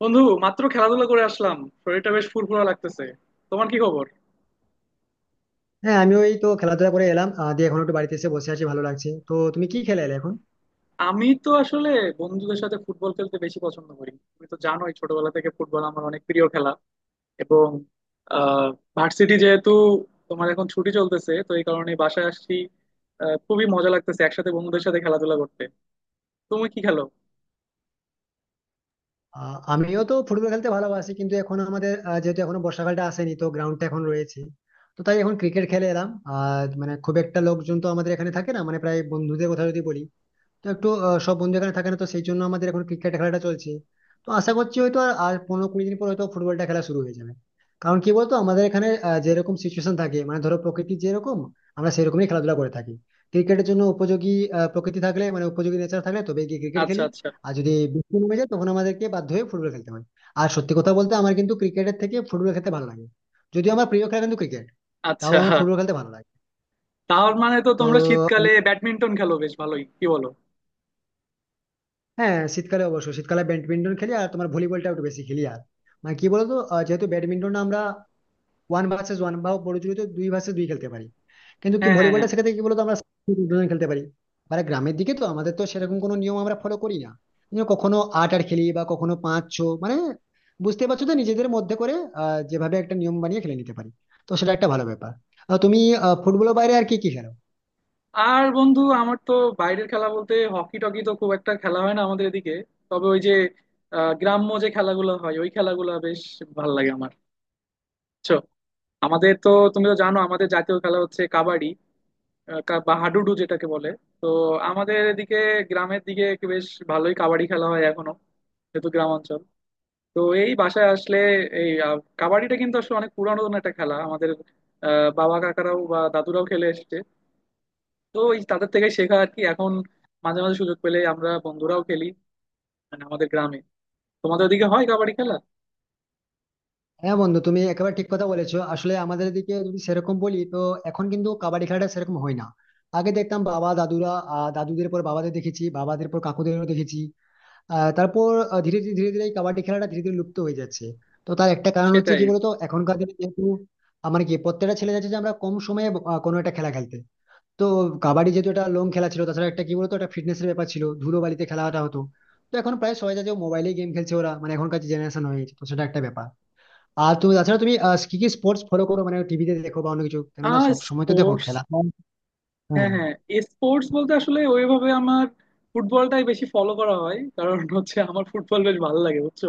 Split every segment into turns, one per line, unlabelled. বন্ধু, মাত্র খেলাধুলা করে আসলাম। শরীরটা বেশ ফুরফুরা লাগতেছে। তোমার কি খবর?
হ্যাঁ, আমি ওই তো খেলাধুলা করে এলাম, দিয়ে এখন একটু বাড়িতে এসে বসে আছি। ভালো লাগছে। তো তুমি কি খেলে এলে এখন?
আমি তো আসলে বন্ধুদের সাথে ফুটবল খেলতে বেশি পছন্দ করি। তুমি তো জানোই, ছোটবেলা থেকে ফুটবল আমার অনেক প্রিয় খেলা। এবং আহ ভার্সিটি যেহেতু তোমার এখন ছুটি চলতেছে, তো এই কারণে বাসায় আসছি। খুবই মজা লাগতেছে একসাথে বন্ধুদের সাথে খেলাধুলা করতে। তুমি কি খেলো?
আমিও তো ফুটবল খেলতে ভালোবাসি, কিন্তু এখন আমাদের যেহেতু এখনো বর্ষাকালটা আসেনি তো গ্রাউন্ডটা এখন রয়েছে, তো তাই এখন ক্রিকেট খেলে এলাম। আর মানে খুব একটা লোকজন তো আমাদের এখানে থাকে না, মানে প্রায় বন্ধুদের কথা যদি বলি তো একটু, সব বন্ধু এখানে থাকে না, তো সেই জন্য আমাদের এখন ক্রিকেট খেলাটা চলছে। তো আশা করছি হয়তো আর আর 15-20 দিন পর হয়তো ফুটবলটা খেলা শুরু হয়ে যাবে। কারণ কি বলতো, আমাদের এখানে যেরকম সিচুয়েশন থাকে, মানে ধরো প্রকৃতি যেরকম আমরা সেরকমই খেলাধুলা করে থাকি। ক্রিকেটের জন্য উপযোগী প্রকৃতি থাকলে, মানে উপযোগী নেচার থাকলে তবে গিয়ে ক্রিকেট
আচ্ছা,
খেলি।
আচ্ছা,
আর যদি বৃষ্টি নেমে যায় তখন আমাদেরকে বাধ্য হয়ে ফুটবল খেলতে হয়। আর সত্যি কথা বলতে, আমার কিন্তু ক্রিকেটের থেকে ফুটবল খেলতে ভালো লাগে। যদিও আমার প্রিয় খেলা কিন্তু ক্রিকেট, তাও
আচ্ছা।
আমার ফুটবল খেলতে ভালো লাগে।
তার মানে তো
তো
তোমরা শীতকালে ব্যাডমিন্টন খেলো বেশ ভালোই, কি বলো?
হ্যাঁ, শীতকালে অবশ্যই, শীতকালে ব্যাডমিন্টন খেলি আর তোমার ভলিবলটা একটু বেশি খেলি। আর মানে কি বলতো, যেহেতু ব্যাডমিন্টন আমরা ওয়ান ভার্সেস ওয়ান বা পরিচিত দুই ভার্সেস দুই খেলতে পারি, কিন্তু কি
হ্যাঁ, হ্যাঁ, হ্যাঁ।
ভলিবলটা সেক্ষেত্রে কি বলতো আমরা দুজন খেলতে পারি। মানে গ্রামের দিকে তো আমাদের তো সেরকম কোনো নিয়ম আমরা ফলো করি না, কিন্তু কখনো আট আট খেলি বা কখনো পাঁচ ছ, মানে বুঝতে পারছো তো, নিজেদের মধ্যে করে যেভাবে একটা নিয়ম বানিয়ে খেলে নিতে পারি। তো সেটা একটা ভালো ব্যাপার। তুমি ফুটবলের বাইরে আর কি কি খেলো?
আর বন্ধু, আমার তো বাইরের খেলা বলতে হকি টকি তো খুব একটা খেলা হয় না আমাদের এদিকে। তবে ওই যে গ্রাম্য যে খেলাগুলো হয় ওই খেলাগুলো বেশ ভালো লাগে আমার, বুঝছো? আমাদের তো, তুমি তো জানো, আমাদের জাতীয় খেলা হচ্ছে কাবাডি। বা হাডুডু যেটাকে বলে। তো আমাদের এদিকে গ্রামের দিকে একটু বেশ ভালোই কাবাডি খেলা হয় এখনো, যেহেতু গ্রাম অঞ্চল। তো এই বাসায় আসলে এই কাবাডিটা কিন্তু আসলে অনেক পুরানো একটা খেলা আমাদের। বাবা কাকারাও বা দাদুরাও খেলে এসেছে। তো ওই তাদের থেকে শেখা আর কি। এখন মাঝে মাঝে সুযোগ পেলে আমরা বন্ধুরাও খেলি, মানে আমাদের গ্রামে। তোমাদের ওদিকে হয় কাবাডি খেলা?
হ্যাঁ বন্ধু, তুমি একেবারে ঠিক কথা বলেছো। আসলে আমাদের এদিকে যদি সেরকম বলি, তো এখন কিন্তু কাবাডি খেলাটা সেরকম হয় না। আগে দেখতাম বাবা দাদুরা, দাদুদের পর বাবাদের দেখেছি, বাবাদের পর কাকুদেরও দেখেছি। তারপর ধীরে ধীরে এই কাবাডি খেলাটা ধীরে ধীরে লুপ্ত হয়ে যাচ্ছে। তো তার একটা কারণ হচ্ছে
সেটাই।
কি বলতো, এখনকার দিনে যেহেতু আমার কি প্রত্যেকটা ছেলে যাচ্ছে যে আমরা কম সময়ে কোনো একটা খেলা খেলতে। তো কাবাডি যেহেতু একটা লং খেলা ছিল, তাছাড়া একটা কি বলতো একটা ফিটনেসের ব্যাপার ছিল, ধুলো বালিতে খেলাটা হতো। তো এখন প্রায় সবাই যাচ্ছে মোবাইলে গেম খেলছে, ওরা মানে এখনকার জেনারেশন হয়ে গেছে, তো সেটা একটা ব্যাপার। আর তুমি তাছাড়া, তুমি কি কি স্পোর্টস ফলো করো? মানে টিভিতে দেখো বা অন্য কিছু, কেননা
আর
সব সময় তো দেখো
স্পোর্টস?
খেলা।
হ্যাঁ,
হ্যাঁ,
হ্যাঁ। স্পোর্টস বলতে আসলে ওইভাবে আমার ফুটবলটাই বেশি ফলো করা হয়, কারণ হচ্ছে আমার ফুটবল বেশ ভালো লাগে বুঝছো।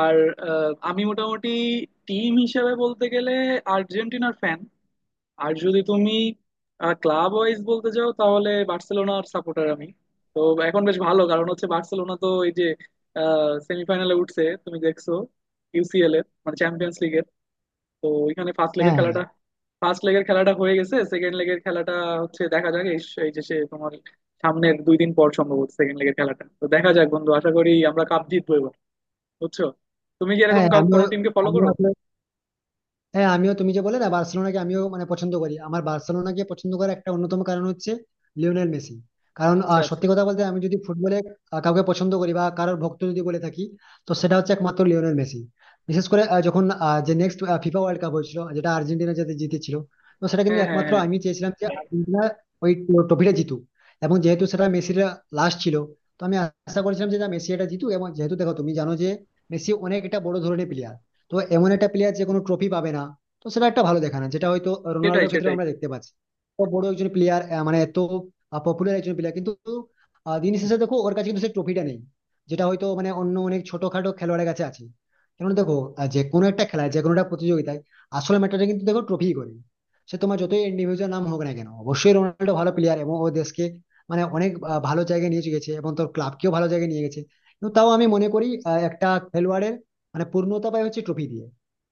আর আমি মোটামুটি টিম হিসেবে বলতে গেলে আর্জেন্টিনার ফ্যান। আর যদি তুমি ক্লাব ওয়াইজ বলতে চাও, তাহলে বার্সেলোনার সাপোর্টার আমি। তো এখন বেশ ভালো, কারণ হচ্ছে বার্সেলোনা তো এই যে সেমিফাইনালে উঠছে তুমি দেখছো, ইউসিএল এর মানে চ্যাম্পিয়ন্স লিগের। তো ওইখানে ফার্স্ট
হ্যাঁ,
লেগের
হ্যাঁ,
খেলাটা ফার্স্ট লেগের খেলাটা হয়ে গেছে, সেকেন্ড লেগের খেলাটা হচ্ছে। দেখা যাক। এই এই যে সে তোমার সামনের 2 দিন পর সম্ভবত সেকেন্ড লেগের খেলাটা, তো দেখা যাক বন্ধু, আশা করি আমরা কাপ জিতবো এবার, বুঝছো। তুমি কি এরকম
হ্যাঁ, আমি
কোনো টিমকে ফলো
আমি
করো?
হ্যাঁ, আমিও তুমি যে বলে না বার্সেলোনাকে, আমিও মানে পছন্দ করি। আমার বার্সেলোনাকে পছন্দ করার একটা অন্যতম কারণ হচ্ছে লিওনেল মেসি। কারণ
আচ্ছা, আচ্ছা।
সত্যি কথা বলতে, আমি যদি ফুটবলে কাউকে পছন্দ করি বা কারোর ভক্ত যদি বলে থাকি, তো সেটা হচ্ছে একমাত্র লিওনেল মেসি। বিশেষ করে যখন যে নেক্সট ফিফা ওয়ার্ল্ড কাপ হয়েছিল যেটা আর্জেন্টিনা যাতে জিতেছিল, তো সেটা কিন্তু,
হ্যাঁ, হ্যাঁ,
একমাত্র
হ্যাঁ।
আমি চেয়েছিলাম যে আর্জেন্টিনা ওই ট্রফিটা জিতুক। এবং যেহেতু সেটা মেসির লাস্ট ছিল, তো আমি আশা করেছিলাম যে না, মেসি এটা জিতুক। এবং যেহেতু দেখো তুমি জানো যে মেসি অনেক একটা বড় ধরনের প্লেয়ার, তো এমন একটা প্লেয়ার যে কোনো ট্রফি পাবে না তো সেটা একটা ভালো দেখা না, যেটা হয়তো
সেটাই,
রোনাল্ডোর ক্ষেত্রে
সেটাই।
আমরা দেখতে পাচ্ছি। এত বড় একজন প্লেয়ার, মানে এত পপুলার একজন প্লেয়ার, কিন্তু দিন শেষে দেখো ওর কাছে কিন্তু সেই ট্রফিটা নেই, যেটা হয়তো মানে অন্য অনেক ছোটখাটো খেলোয়াড়ের কাছে আছে। কেন দেখো, যে কোনো একটা খেলায়, যে কোনো একটা প্রতিযোগিতায় আসল ম্যাটারটা কিন্তু দেখো ট্রফি করে। সে তোমার যতই ইন্ডিভিজুয়াল নাম হোক না কেন, অবশ্যই রোনাল্ডো ভালো প্লেয়ার এবং ও দেশকে মানে অনেক ভালো জায়গায় নিয়ে গেছে এবং তোর ক্লাবকেও ভালো জায়গায় নিয়ে গেছে। কিন্তু তাও আমি মনে করি একটা খেলোয়াড়ের মানে পূর্ণতা পায় হচ্ছে ট্রফি দিয়ে।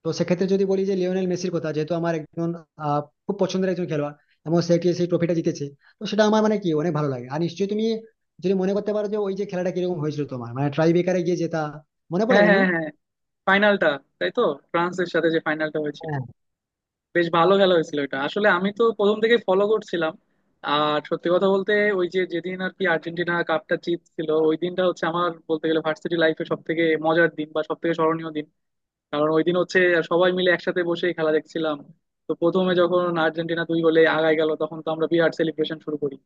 তো সেক্ষেত্রে যদি বলি যে লিওনেল মেসির কথা, যেহেতু আমার একজন আহ, খুব পছন্দের একজন খেলোয়াড় এবং সে সেই ট্রফিটা জিতেছে, তো সেটা আমার মানে কি অনেক ভালো লাগে। আর নিশ্চয়ই তুমি যদি মনে করতে পারো যে ওই যে খেলাটা কিরকম হয়েছিল তোমার, মানে ট্রাই বেকারে গিয়ে জেতা, মনে পড়ে
হ্যাঁ,
বন্ধু?
হ্যাঁ, হ্যাঁ। ফাইনালটা? তাই তো, ফ্রান্সের সাথে যে ফাইনালটা হয়েছিল,
হ্যাঁ,
বেশ ভালো খেলা হয়েছিল। এটা আসলে আমি তো প্রথম থেকে ফলো করছিলাম। আর সত্যি কথা বলতে, ওই যে যেদিন আর কি আর্জেন্টিনা কাপটা জিতছিল, ওই দিনটা হচ্ছে আমার বলতে গেলে ভার্সিটি লাইফে সব থেকে মজার দিন বা সব থেকে স্মরণীয় দিন। কারণ ওই দিন হচ্ছে সবাই মিলে একসাথে বসে খেলা দেখছিলাম। তো প্রথমে যখন আর্জেন্টিনা 2 গোলে আগায় গেল, তখন তো আমরা বিরাট সেলিব্রেশন শুরু করি।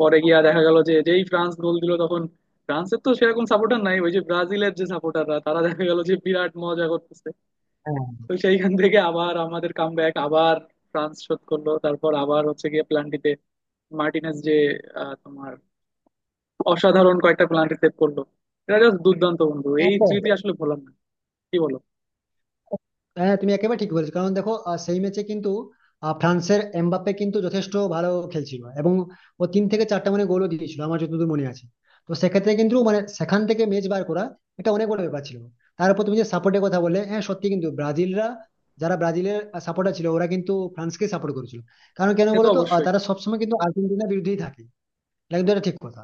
পরে গিয়া দেখা গেল যে যেই ফ্রান্স গোল দিল, তখন ফ্রান্সের তো সেরকম সাপোর্টার নাই। ওই যে ব্রাজিলের যে সাপোর্টাররা, তারা দেখা গেল যে বিরাট মজা করতেছে।
হ্যাঁ,
তো সেইখান থেকে আবার আমাদের কাম ব্যাক, আবার ফ্রান্স শোধ করলো। তারপর আবার হচ্ছে গিয়ে প্লান্টিতে মার্টিনেস যে তোমার অসাধারণ কয়েকটা প্লান্টি সেভ করলো। এটা জাস্ট দুর্দান্ত বন্ধু,
হ্যাঁ।
এই
তো
স্মৃতি আসলে ভোলার না। কি বলো?
হ্যাঁ, তুমি একেবারে ঠিক বলেছো। কারণ দেখো, সেই ম্যাচে কিন্তু ফ্রান্সের এমবাপ্পে কিন্তু যথেষ্ট ভালো খেলছিল এবং ও তিন থেকে চারটা মানে গোলও দিয়েছিল আমার যতদূর মনে আছে। তো সেক্ষেত্রে কিন্তু, মানে সেখান থেকে ম্যাচ বার করা, এটা অনেক বড় ব্যাপার ছিল। তারপর তুমি যে সাপোর্টের কথা বললে, হ্যাঁ সত্যি, কিন্তু ব্রাজিলরা, যারা ব্রাজিলের সাপোর্টার ছিল, ওরা কিন্তু ফ্রান্সকে সাপোর্ট করেছিল। কারণ কেন
সে তো
বলো তো,
অবশ্যই।
তারা সবসময় কিন্তু আর্জেন্টিনার বিরুদ্ধেই থাকে, এটা কিন্তু, এটা ঠিক কথা।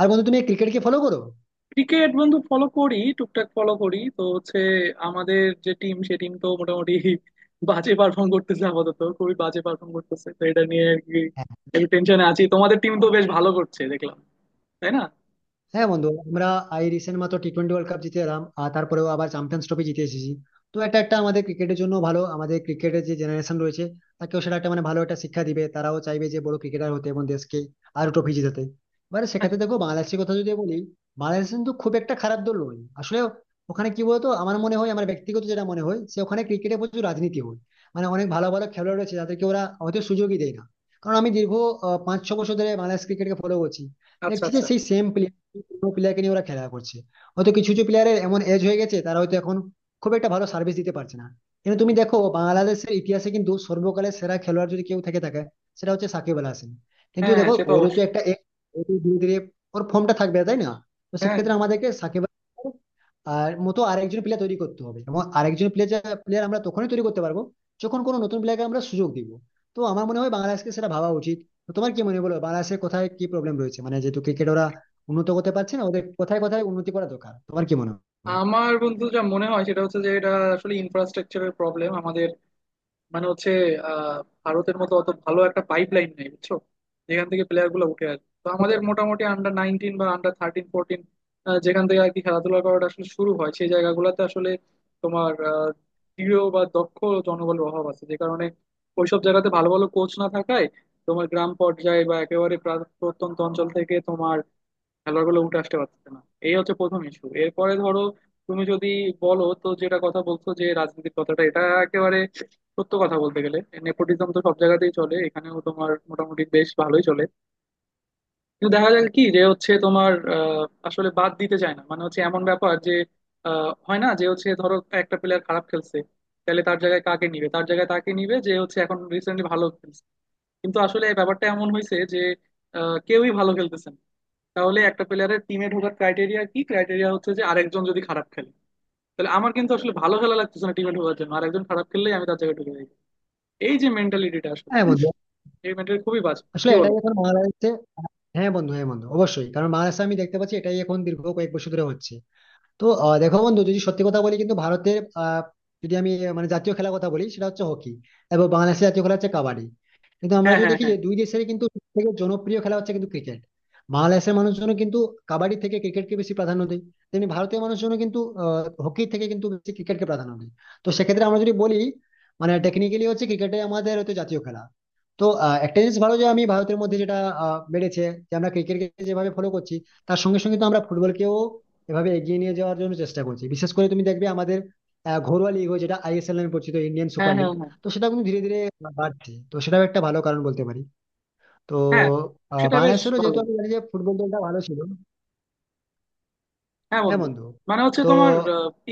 আর বন্ধু তুমি ক্রিকেট কি ফলো করো?
ক্রিকেট বন্ধু ফলো করি, টুকটাক ফলো করি। তো হচ্ছে আমাদের যে টিম সে টিম তো মোটামুটি বাজে পারফর্ম করতেছে। আপাতত খুবই বাজে পারফর্ম করতেছে, তো এটা নিয়ে আর কি একটু টেনশনে আছি। তোমাদের টিম তো বেশ ভালো করছে দেখলাম, তাই না?
হ্যাঁ বন্ধু, আমরা এই রিসেন্ট মাত্র টি টোয়েন্টি ওয়ার্ল্ড কাপ জিতে এলাম আর তারপরেও আবার চ্যাম্পিয়ন্স ট্রফি জিতে এসেছি। তো এটা একটা আমাদের ক্রিকেটের জন্য ভালো, আমাদের ক্রিকেটের যে জেনারেশন রয়েছে তাকেও সেটা একটা মানে ভালো একটা শিক্ষা দিবে, তারাও চাইবে যে বড় ক্রিকেটার হতে এবং দেশকে আরো ট্রফি জেতাতে। এবারে সেক্ষেত্রে দেখো বাংলাদেশের কথা যদি বলি, বাংলাদেশ কিন্তু খুব একটা খারাপ দল নয় আসলে। ওখানে কি বলতো, আমার মনে হয়, আমার ব্যক্তিগত যেটা মনে হয় যে ওখানে ক্রিকেটে প্রচুর রাজনীতি হয়, মানে অনেক ভালো ভালো খেলোয়াড় রয়েছে যাদেরকে ওরা হয়তো সুযোগই দেয় না। কারণ আমি দীর্ঘ 5-6 বছর ধরে বাংলাদেশ ক্রিকেটকে ফলো করছি,
আচ্ছা,
দেখছি যে
আচ্ছা।
সেই সেম কোনো প্লেয়ারকে নিয়ে ওরা খেলা করছে। হয়তো কিছু কিছু প্লেয়ারের এমন এজ হয়ে গেছে, তারা হয়তো এখন খুব একটা ভালো সার্ভিস দিতে পারছে না। কিন্তু তুমি দেখো বাংলাদেশের ইতিহাসে কিন্তু সর্বকালের সেরা খেলোয়াড় যদি কেউ থেকে থাকে সেটা হচ্ছে সাকিব আল হাসান। কিন্তু
হ্যাঁ, হ্যাঁ,
দেখো
সে তো
ওরও তো
অবশ্যই।
একটা age, ও তো ধীরে ধীরে ওর ফর্মটা থাকবে তাই না। তো
হ্যাঁ।
সেক্ষেত্রে আমাদেরকে সাকিব আল হাসান আর মতো আরেকজন প্লেয়ার তৈরি করতে হবে, এবং আরেকজন প্লেয়ার, আমরা তখনই তৈরি করতে পারবো যখন কোনো নতুন প্লেয়ারকে আমরা সুযোগ দিব। তো আমার মনে হয় বাংলাদেশকে সেটা ভাবা উচিত। তো তোমার কি মনে হয় বলো, বাংলাদেশের কোথায় কি প্রবলেম রয়েছে, মানে যেহেতু ক্রিকেট ওরা উন্নত করতে পারছে না, ওদের কোথায় কোথায় উন্নতি করা দরকার তোমার কি মনে হয়?
আমার বন্ধু যা মনে হয় সেটা হচ্ছে যে এটা আসলে ইনফ্রাস্ট্রাকচারের প্রবলেম আমাদের। মানে হচ্ছে আহ ভারতের মতো অত ভালো একটা পাইপলাইন নেই বুঝছো, যেখান থেকে প্লেয়ার গুলো উঠে আসে। তো
বুঝতে
আমাদের
পারলাম।
মোটামুটি আন্ডার 19 বা আন্ডার 13-14, যেখান থেকে আর কি খেলাধুলা করাটা আসলে শুরু হয়, সেই জায়গাগুলোতে আসলে তোমার দৃঢ় বা দক্ষ জনবলের অভাব আছে। যে কারণে ওইসব জায়গাতে ভালো ভালো কোচ না থাকায় তোমার গ্রাম পর্যায়ে বা একেবারে প্রত্যন্ত অঞ্চল থেকে তোমার খেলোয়াড়গুলো উঠে আসতে পারছে না। এই হচ্ছে প্রথম ইস্যু। এরপরে ধরো, তুমি যদি বলো তো, যেটা কথা বলছো যে রাজনীতির কথাটা, এটা একেবারে সত্য কথা বলতে গেলে নেপোটিজম তো সব জায়গাতেই চলে, এখানেও তোমার মোটামুটি বেশ ভালোই চলে। কিন্তু দেখা যায় কি যে হচ্ছে তোমার আসলে বাদ দিতে চায় না। মানে হচ্ছে এমন ব্যাপার যে হয় না যে হচ্ছে, ধরো একটা প্লেয়ার খারাপ খেলছে, তাহলে তার জায়গায় কাকে নিবে? তার জায়গায় তাকে নিবে যে হচ্ছে এখন রিসেন্টলি ভালো খেলছে। কিন্তু আসলে ব্যাপারটা এমন হয়েছে যে কেউই ভালো খেলতেছে না। তাহলে একটা প্লেয়ারের টিমে ঢোকার ক্রাইটেরিয়া কি? ক্রাইটেরিয়া হচ্ছে যে আরেকজন যদি খারাপ খেলে, তাহলে আমার কিন্তু আসলে ভালো খেলা লাগতেছে না টিমে ঢোকার জন্য, আরেকজন খারাপ খেললেই আমি তার জায়গায় ঢুকে যাই। এই যে মেন্টালিটিটা আসলে,
হ্যাঁ বন্ধু,
এই মেন্টালিটি খুবই বাজে,
আসলে
কি বলো?
এটাই এখন মহারাষ্ট্রে। হ্যাঁ বন্ধু, হ্যাঁ বন্ধু, অবশ্যই, কারণ মহারাষ্ট্রে আমি দেখতে পাচ্ছি এটাই এখন দীর্ঘ কয়েক বছর ধরে হচ্ছে। তো দেখো বন্ধু, যদি সত্যি কথা বলি কিন্তু ভারতের যদি আমি মানে জাতীয় খেলার কথা বলি সেটা হচ্ছে হকি, এবং বাংলাদেশের জাতীয় খেলা হচ্ছে কাবাডি। কিন্তু আমরা
হ্যাঁ,
যদি
হ্যাঁ,
দেখি
হ্যাঁ।
যে দুই দেশের কিন্তু সবথেকে জনপ্রিয় খেলা হচ্ছে কিন্তু ক্রিকেট। বাংলাদেশের মানুষজন কিন্তু কাবাডি থেকে ক্রিকেটকে বেশি প্রাধান্য দেয়, তেমনি ভারতীয় মানুষজন কিন্তু হকি থেকে কিন্তু বেশি ক্রিকেটকে প্রাধান্য দেয়। তো সেক্ষেত্রে আমরা যদি বলি, মানে টেকনিক্যালি হচ্ছে ক্রিকেটে আমাদের হয়তো জাতীয় খেলা। তো একটা জিনিস ভালো যে আমি ভারতের মধ্যে যেটা বেড়েছে, যে আমরা ক্রিকেটকে যেভাবে ফলো করছি তার সঙ্গে সঙ্গে তো আমরা ফুটবলকেও এভাবে এগিয়ে নিয়ে যাওয়ার জন্য চেষ্টা করছে, বিশেষ করে তুমি দেখবে আমাদের ঘরোয়া লিগ হয় যেটা আইএসএল নামে পরিচিত, ইন্ডিয়ান
হ্যাঁ,
সুপার লিগ।
হ্যাঁ, হ্যাঁ।
তো সেটা কিন্তু ধীরে ধীরে বাড়ছে, তো সেটাও একটা ভালো কারণ বলতে পারি। তো
হ্যাঁ, সেটা বেশ
বাংলাদেশেরও যেহেতু
ভালো।
আমি জানি যে ফুটবল দলটা ভালো ছিল।
হ্যাঁ
হ্যাঁ
বন্ধু,
বন্ধু,
মানে হচ্ছে
তো
তোমার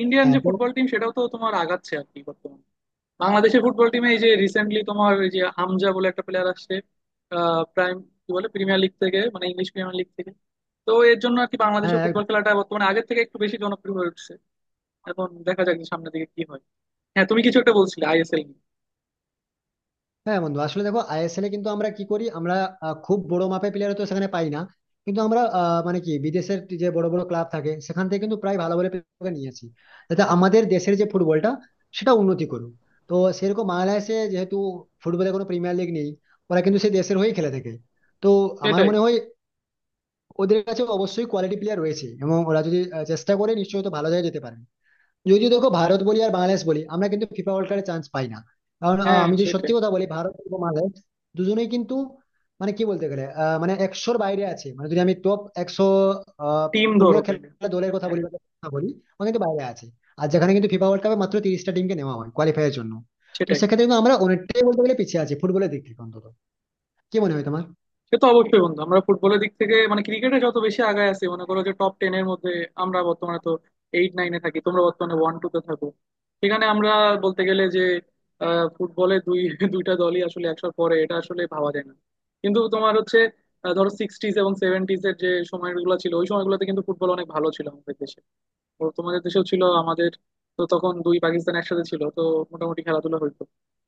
ইন্ডিয়ান
হ্যাঁ,
যে ফুটবল টিম সেটাও তো তোমার আগাচ্ছে আর কি বর্তমানে। বাংলাদেশের ফুটবল টিমে এই যে রিসেন্টলি তোমার এই যে হামজা বলে একটা প্লেয়ার আসছে আহ, প্রাইম কি বলে প্রিমিয়ার লিগ থেকে, মানে ইংলিশ প্রিমিয়ার লিগ থেকে। তো এর জন্য আর কি বাংলাদেশের
হ্যাঁ,
ফুটবল খেলাটা বর্তমানে আগের থেকে একটু বেশি জনপ্রিয় হয়ে উঠছে। এখন দেখা যাক যে সামনের দিকে কি হয়। হ্যাঁ, তুমি কিছু একটা বলছিলে আইএসএল নিয়ে।
হ্যাঁ বন্ধু, আসলে দেখো আইএসএল এ কিন্তু আমরা কি করি, আমরা খুব বড় মাপের প্লেয়ার তো সেখানে পাই না, কিন্তু আমরা মানে কি বিদেশের যে বড় বড় ক্লাব থাকে সেখান থেকে কিন্তু প্রায় ভালো ভালো প্লেয়ারকে নিয়ে আসি, যাতে আমাদের দেশের যে ফুটবলটা সেটা উন্নতি করুক। তো সেরকম বাংলাদেশে যেহেতু ফুটবলে কোনো প্রিমিয়ার লিগ নেই, ওরা কিন্তু সেই দেশের হয়েই খেলে থাকে। তো আমার
সেটাই।
মনে হয় ওদের কাছে অবশ্যই কোয়ালিটি প্লেয়ার রয়েছে এবং ওরা যদি চেষ্টা করে নিশ্চয়ই তো ভালো জায়গায় যেতে পারে। যদিও দেখো, ভারত বলি আর বাংলাদেশ বলি, আমরা কিন্তু ফিফা ওয়ার্ল্ড কাপে চান্স পাই না। কারণ
হ্যাঁ,
আমি যদি সত্যি
সেটাই।
কথা বলি, ভারত এবং বাংলাদেশ দুজনেই কিন্তু মানে কি বলতে গেলে মানে একশোর বাইরে আছে, মানে যদি আমি টপ 100 আহ,
টিম
ফুটবল
ধরো তাইলে।
খেলা দলের কথা বলি,
হ্যাঁ।
বা দলের কথা বলি, ওরা কিন্তু বাইরে আছে। আর যেখানে কিন্তু ফিফা ওয়ার্ল্ড কাপে মাত্র 30টা টিমকে নেওয়া হয় কোয়ালিফাই এর জন্য, তো
সেটাই।
সেক্ষেত্রে কিন্তু আমরা অনেকটাই বলতে গেলে পিছিয়ে আছি ফুটবলের দিক থেকে অন্তত। কি মনে হয় তোমার?
সে তো অবশ্যই বন্ধু, আমরা ফুটবলের দিক থেকে, মানে ক্রিকেটে যত বেশি আগায় আছি মনে করো যে টপ 10 এর মধ্যে, আমরা বর্তমানে তো 8-9-এ থাকি, তোমরা বর্তমানে 1-2-তে থাকো। সেখানে আমরা বলতে গেলে যে ফুটবলে দুই দুইটা দলই আসলে একসাথে পরে, এটা আসলে ভাবা যায় না। কিন্তু তোমার হচ্ছে ধরো সিক্সটিজ এবং সেভেন্টিজ এর যে সময়গুলো ছিল, ওই সময়গুলোতে কিন্তু ফুটবল অনেক ভালো ছিল আমাদের দেশে, ও তোমাদের দেশেও ছিল। আমাদের তো তখন দুই পাকিস্তান একসাথে ছিল, তো মোটামুটি খেলাধুলা হইতো।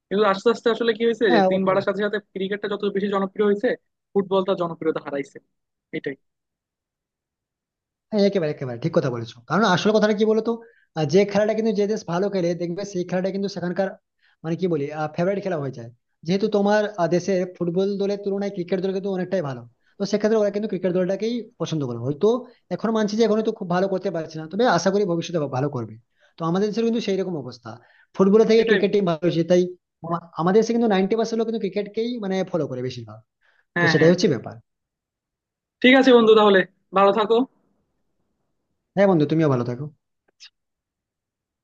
কিন্তু আস্তে আস্তে আসলে কি হয়েছে যে
হ্যাঁ
দিন
অবশ্যই,
বাড়ার সাথে সাথে ক্রিকেটটা যত বেশি জনপ্রিয় হয়েছে, ফুটবলটা জনপ্রিয়তা হারাইছে। এটাই।
হ্যাঁ, একেবারে একেবারে ঠিক কথা বলেছো। কারণ আসল কথাটা কি বলতো, যে খেলাটা কিন্তু যে দেশ ভালো খেলে দেখবে সেই খেলাটা কিন্তু সেখানকার, মানে কি বলি, ফেভারিট খেলা হয়ে যায়। যেহেতু তোমার দেশে ফুটবল দলের তুলনায় ক্রিকেট দল কিন্তু অনেকটাই ভালো, তো সেক্ষেত্রে ওরা কিন্তু ক্রিকেট দলটাকেই পছন্দ করে হয়তো। এখন মানছি যে এখনো তো খুব ভালো করতে পারছে না, তবে আশা করি ভবিষ্যতে ভালো করবে। তো আমাদের দেশের কিন্তু সেই রকম অবস্থা, ফুটবল থেকে
এটাই
ক্রিকেট
বন্ধু।
টিম ভালো হয়েছে, তাই আমাদের দেশে কিন্তু 90% লোক কিন্তু ক্রিকেটকেই মানে ফলো করে বেশিরভাগ। তো
হ্যাঁ,
সেটাই
হ্যাঁ,
হচ্ছে
হ্যাঁ।
ব্যাপার।
ঠিক আছে বন্ধু, তাহলে ভালো থাকো।
হ্যাঁ বন্ধু, তুমিও ভালো থাকো।